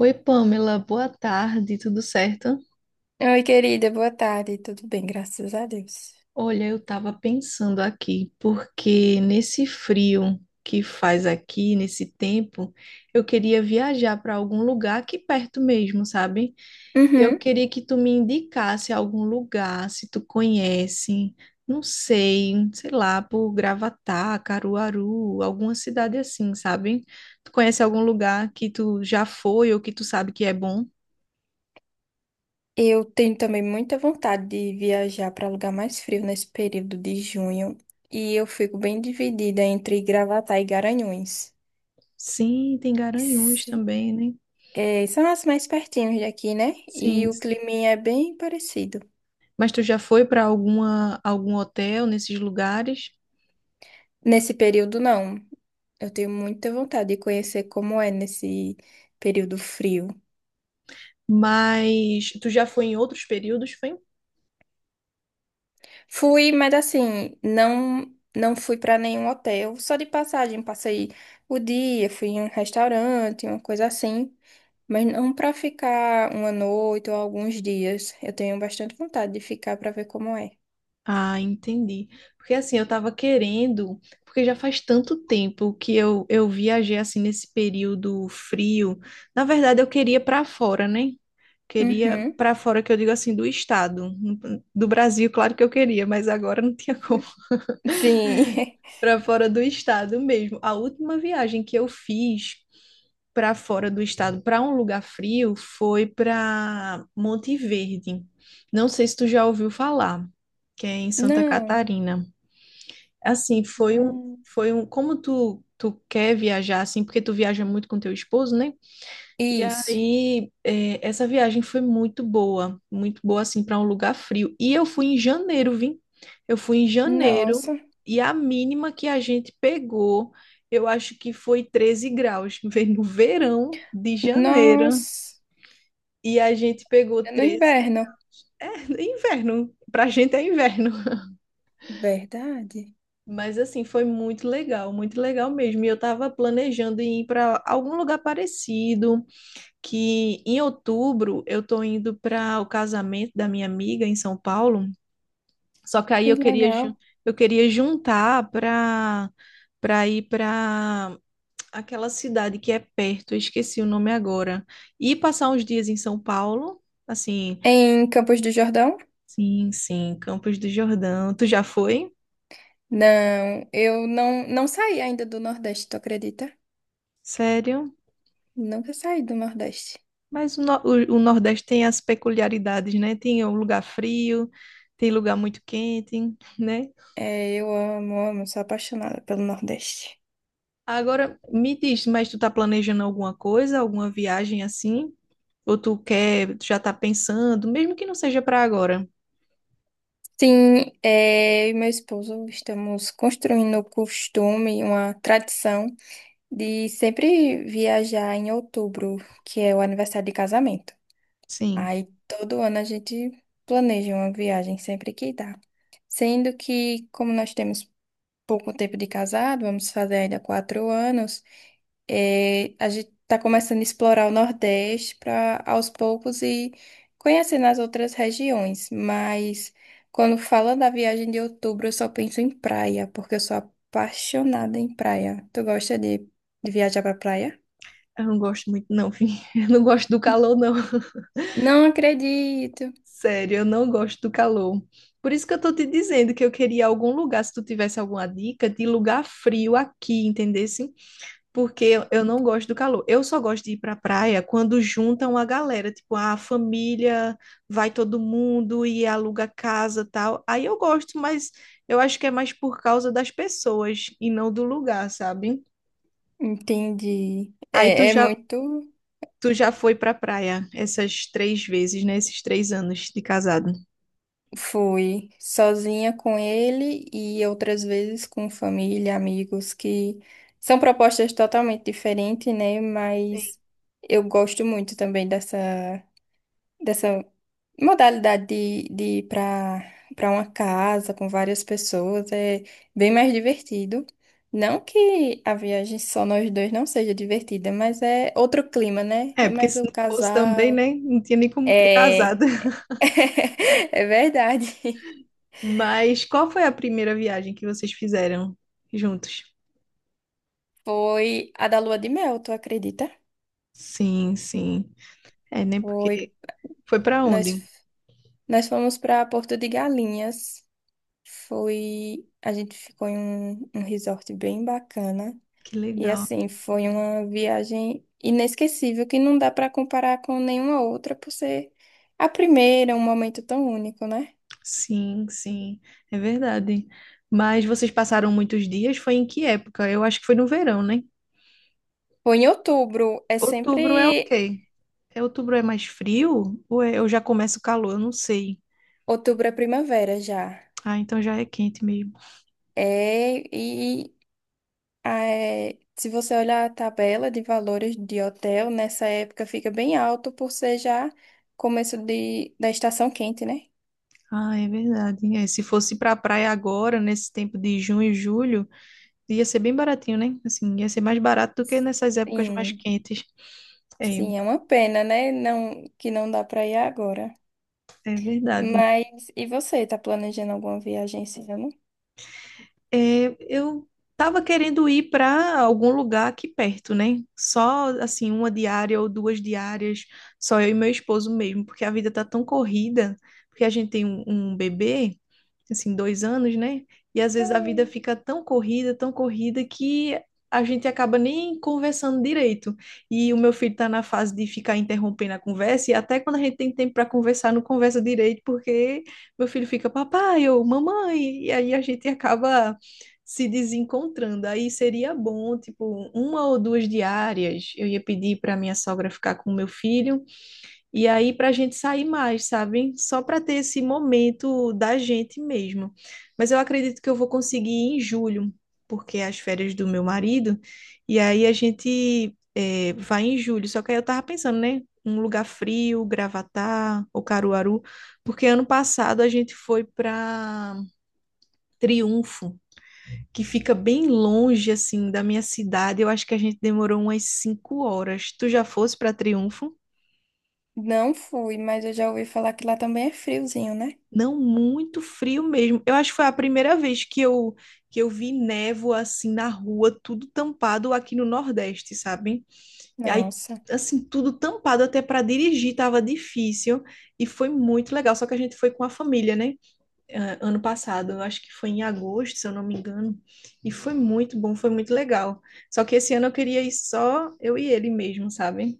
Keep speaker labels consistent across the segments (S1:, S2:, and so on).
S1: Oi, Pamela, boa tarde, tudo certo?
S2: Oi, querida, boa tarde. Tudo bem, graças a Deus.
S1: Olha, eu estava pensando aqui, porque nesse frio que faz aqui, nesse tempo, eu queria viajar para algum lugar aqui perto mesmo, sabe? Eu
S2: Uhum.
S1: queria que tu me indicasse algum lugar, se tu conhece, não sei, sei lá, por Gravatá, Caruaru, alguma cidade assim, sabe? Tu conhece algum lugar que tu já foi ou que tu sabe que é bom?
S2: Eu tenho também muita vontade de viajar para lugar mais frio nesse período de junho e eu fico bem dividida entre Gravatá e Garanhuns.
S1: Sim, tem Garanhuns
S2: S-
S1: também, né?
S2: é, são as mais pertinhos daqui, né? E
S1: Sim,
S2: o
S1: sim.
S2: clima é bem parecido.
S1: Mas tu já foi para algum hotel nesses lugares?
S2: Nesse período, não. Eu tenho muita vontade de conhecer como é nesse período frio.
S1: Mas tu já foi em outros períodos, foi?
S2: Fui, mas assim, não fui para nenhum hotel, só de passagem, passei o dia, fui em um restaurante, uma coisa assim, mas não para ficar uma noite ou alguns dias. Eu tenho bastante vontade de ficar para ver como é.
S1: Ah, entendi. Porque assim, eu tava querendo, porque já faz tanto tempo que eu viajei assim nesse período frio. Na verdade, eu queria para fora, né? Queria
S2: Uhum.
S1: para fora que eu digo assim do estado, do Brasil, claro que eu queria, mas agora não tinha como.
S2: Sim.
S1: Para fora do estado mesmo. A última viagem que eu fiz para fora do estado, para um lugar frio, foi para Monte Verde. Não sei se tu já ouviu falar, que é em Santa
S2: Não.
S1: Catarina. Assim, foi um,
S2: Não.
S1: foi um, como tu, tu quer viajar assim, porque tu viaja muito com teu esposo, né? E
S2: Isso.
S1: aí, é, essa viagem foi muito boa assim para um lugar frio. E eu fui em janeiro, vim. Eu fui em janeiro
S2: Nossa.
S1: e a mínima que a gente pegou, eu acho que foi 13 graus. Veio no verão de janeiro
S2: Nossa.
S1: e a gente pegou
S2: É. No
S1: 13.
S2: inverno.
S1: É inverno, pra gente é inverno.
S2: Verdade.
S1: Mas assim, foi muito legal mesmo. E eu tava planejando em ir para algum lugar parecido, que em outubro eu tô indo para o casamento da minha amiga em São Paulo, só que aí
S2: Que legal.
S1: eu queria juntar para ir para aquela cidade que é perto, eu esqueci o nome agora, e passar uns dias em São Paulo, assim,
S2: Em Campos do Jordão?
S1: sim, sim, Campos do Jordão. Tu já foi?
S2: Não, eu não, não saí ainda do Nordeste, tu acredita?
S1: Sério?
S2: Nunca saí do Nordeste.
S1: Mas o, no- o Nordeste tem as peculiaridades, né? Tem o lugar frio, tem lugar muito quente, né?
S2: É, eu amo, amo, sou apaixonada pelo Nordeste.
S1: Agora, me diz, mas tu tá planejando alguma coisa, alguma viagem assim? Ou tu quer, tu já tá pensando, mesmo que não seja pra agora?
S2: Sim, é, eu e meu esposo estamos construindo o costume, uma tradição de sempre viajar em outubro, que é o aniversário de casamento.
S1: Sim,
S2: Aí todo ano a gente planeja uma viagem sempre que dá. Sendo que, como nós temos pouco tempo de casado, vamos fazer ainda quatro anos, a gente está começando a explorar o Nordeste para aos poucos e conhecendo as outras regiões. Mas quando fala da viagem de outubro, eu só penso em praia, porque eu sou apaixonada em praia. Tu gosta de viajar para praia?
S1: eu não gosto muito, não, filho. Eu não gosto do calor, não.
S2: Não acredito.
S1: Sério, eu não gosto do calor. Por isso que eu tô te dizendo que eu queria algum lugar, se tu tivesse alguma dica de lugar frio aqui, entendeu? Porque eu não gosto do calor. Eu só gosto de ir pra praia quando juntam a galera, tipo, "Ah, a família, vai todo mundo e aluga casa, tal." Aí eu gosto, mas eu acho que é mais por causa das pessoas e não do lugar, sabe?
S2: Entendi.
S1: Aí tu
S2: É, é
S1: já
S2: muito.
S1: tu já foi pra praia essas três vezes, né? Esses 3 anos de casado.
S2: Fui sozinha com ele e outras vezes com família, amigos, que são propostas totalmente diferentes, né? Mas eu gosto muito também dessa modalidade de ir para uma casa com várias pessoas. É bem mais divertido. Não que a viagem só nós dois não seja divertida, mas é outro clima, né?
S1: É,
S2: É
S1: porque
S2: mais
S1: se
S2: o
S1: não fosse também,
S2: casal.
S1: né? Não tinha nem como ter
S2: É,
S1: casado.
S2: é verdade.
S1: Mas qual foi a primeira viagem que vocês fizeram juntos?
S2: Foi a da lua de mel, tu acredita?
S1: Sim, sim. É, né?
S2: Foi.
S1: Porque foi pra
S2: Nós,
S1: onde?
S2: nós fomos para Porto de Galinhas. Foi. A gente ficou em um, um resort bem bacana.
S1: Que
S2: E
S1: legal.
S2: assim, foi uma viagem inesquecível que não dá para comparar com nenhuma outra por ser a primeira, um momento tão único, né?
S1: Sim, sim. É verdade. Mas vocês passaram muitos dias? Foi em que época? Eu acho que foi no verão, né?
S2: Foi em outubro. É
S1: Outubro é o
S2: sempre.
S1: quê? É, outubro é mais frio? Ou é, eu já começo o calor? Eu não sei.
S2: Outubro é primavera já.
S1: Ah, então já é quente mesmo.
S2: É. É, se você olhar a tabela de valores de hotel, nessa época fica bem alto por ser já começo da estação quente, né?
S1: Ah, é verdade. É, se fosse pra praia agora, nesse tempo de junho e julho. Ia ser bem baratinho, né? Assim, ia ser mais barato do que nessas épocas mais
S2: Sim,
S1: quentes. É,
S2: sim, é uma pena, né? Não, que não dá para ir agora.
S1: é verdade.
S2: Mas e você, tá planejando alguma viagem esse ano?
S1: É, eu estava querendo ir para algum lugar aqui perto, né? Só assim, uma diária ou duas diárias, só eu e meu esposo mesmo, porque a vida tá tão corrida, porque a gente tem um bebê, assim, 2 anos, né? E às vezes a vida fica tão corrida, que a gente acaba nem conversando direito. E o meu filho tá na fase de ficar interrompendo a conversa, e até quando a gente tem tempo para conversar, não conversa direito, porque meu filho fica, papai ou mamãe, e aí a gente acaba se desencontrando. Aí seria bom, tipo, uma ou duas diárias. Eu ia pedir para minha sogra ficar com o meu filho e aí para a gente sair mais, sabe? Só para ter esse momento da gente mesmo. Mas eu acredito que eu vou conseguir em julho, porque é as férias do meu marido. E aí a gente é, vai em julho. Só que aí eu tava pensando, né? Um lugar frio, Gravatá ou Caruaru, porque ano passado a gente foi para Triunfo, que fica bem longe, assim, da minha cidade. Eu acho que a gente demorou umas 5 horas. Tu já fosse para Triunfo?
S2: Não fui, mas eu já ouvi falar que lá também é friozinho, né?
S1: Não, muito frio mesmo. Eu acho que foi a primeira vez que eu vi névoa, assim, na rua, tudo tampado aqui no Nordeste, sabe? E aí,
S2: Nossa,
S1: assim, tudo tampado até para dirigir tava difícil. E foi muito legal. Só que a gente foi com a família, né? Ano passado, eu acho que foi em agosto, se eu não me engano, e foi muito bom, foi muito legal. Só que esse ano eu queria ir só eu e ele mesmo, sabe?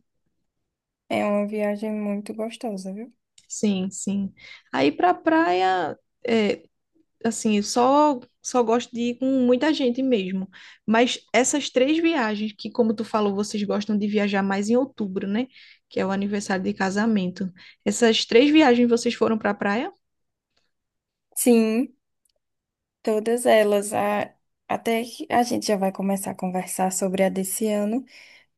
S2: é uma viagem muito gostosa, viu?
S1: Sim, sim. Aí pra praia, eh, assim, eu só gosto de ir com muita gente mesmo. Mas essas três viagens, que como tu falou, vocês gostam de viajar mais em outubro, né? Que é o aniversário de casamento. Essas três viagens vocês foram pra praia?
S2: Sim, todas elas. Até que a gente já vai começar a conversar sobre a desse ano.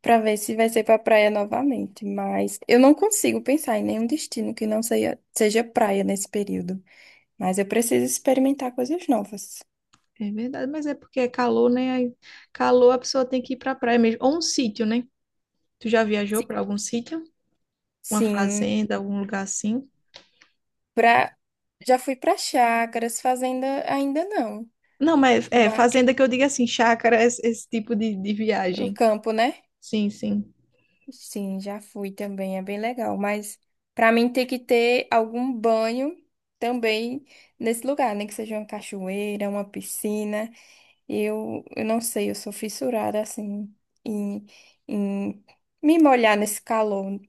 S2: Pra ver se vai ser pra praia novamente, mas eu não consigo pensar em nenhum destino que não seja praia nesse período. Mas eu preciso experimentar coisas novas.
S1: É verdade, mas é porque é calor, né? Aí, calor a pessoa tem que ir pra praia mesmo. Ou um sítio, né? Tu já viajou pra
S2: Sim.
S1: algum sítio? Uma
S2: Sim,
S1: fazenda, algum lugar assim?
S2: pra... já fui pra chácaras, fazenda ainda não.
S1: Não, mas é
S2: Ma-
S1: fazenda que eu digo assim, chácara, esse tipo de
S2: O
S1: viagem.
S2: campo, né?
S1: Sim, sim.
S2: Sim, já fui também, é bem legal. Mas pra mim tem que ter algum banho também nesse lugar, né? Que seja uma cachoeira, uma piscina. Eu não sei, eu sou fissurada assim em, em me molhar nesse calor.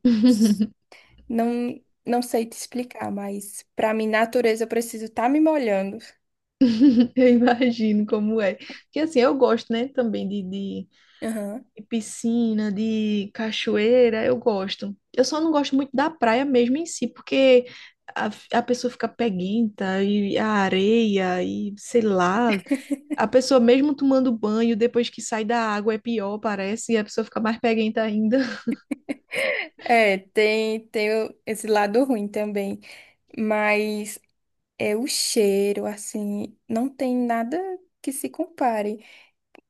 S2: Não, não sei te explicar, mas para mim, natureza, eu preciso estar me molhando.
S1: Eu imagino como é. Porque assim, eu gosto, né? Também de, de,
S2: Aham.
S1: de piscina, de cachoeira, eu gosto. Eu só não gosto muito da praia mesmo em si, porque a, a pessoa fica peguenta e a areia e sei lá. A pessoa, mesmo tomando banho, depois que sai da água, é pior, parece, e a pessoa fica mais peguenta ainda.
S2: É, tem, esse lado ruim também, mas é o cheiro, assim, não tem nada que se compare.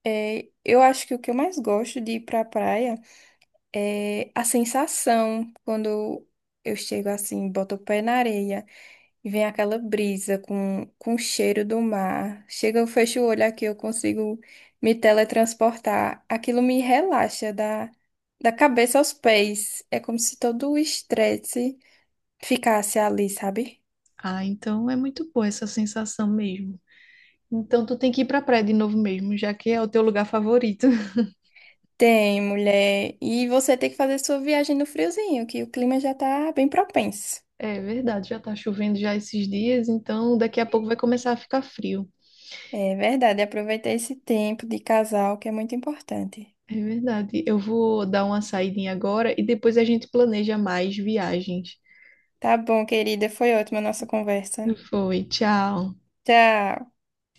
S2: É, eu acho que o que eu mais gosto de ir pra praia é a sensação quando eu chego assim, boto o pé na areia. E vem aquela brisa com o cheiro do mar. Chega, eu fecho o olho aqui, eu consigo me teletransportar. Aquilo me relaxa da cabeça aos pés. É como se todo o estresse ficasse ali, sabe?
S1: Ah, então é muito boa essa sensação mesmo. Então tu tem que ir pra praia de novo mesmo, já que é o teu lugar favorito.
S2: Tem, mulher. E você tem que fazer sua viagem no friozinho, que o clima já tá bem propenso.
S1: É verdade, já tá chovendo já esses dias, então daqui a pouco vai começar a ficar frio.
S2: É verdade, aproveitar esse tempo de casal que é muito importante.
S1: É verdade. Eu vou dar uma saída agora e depois a gente planeja mais viagens.
S2: Tá bom, querida, foi ótima a nossa conversa.
S1: Foi, tchau.
S2: Tchau.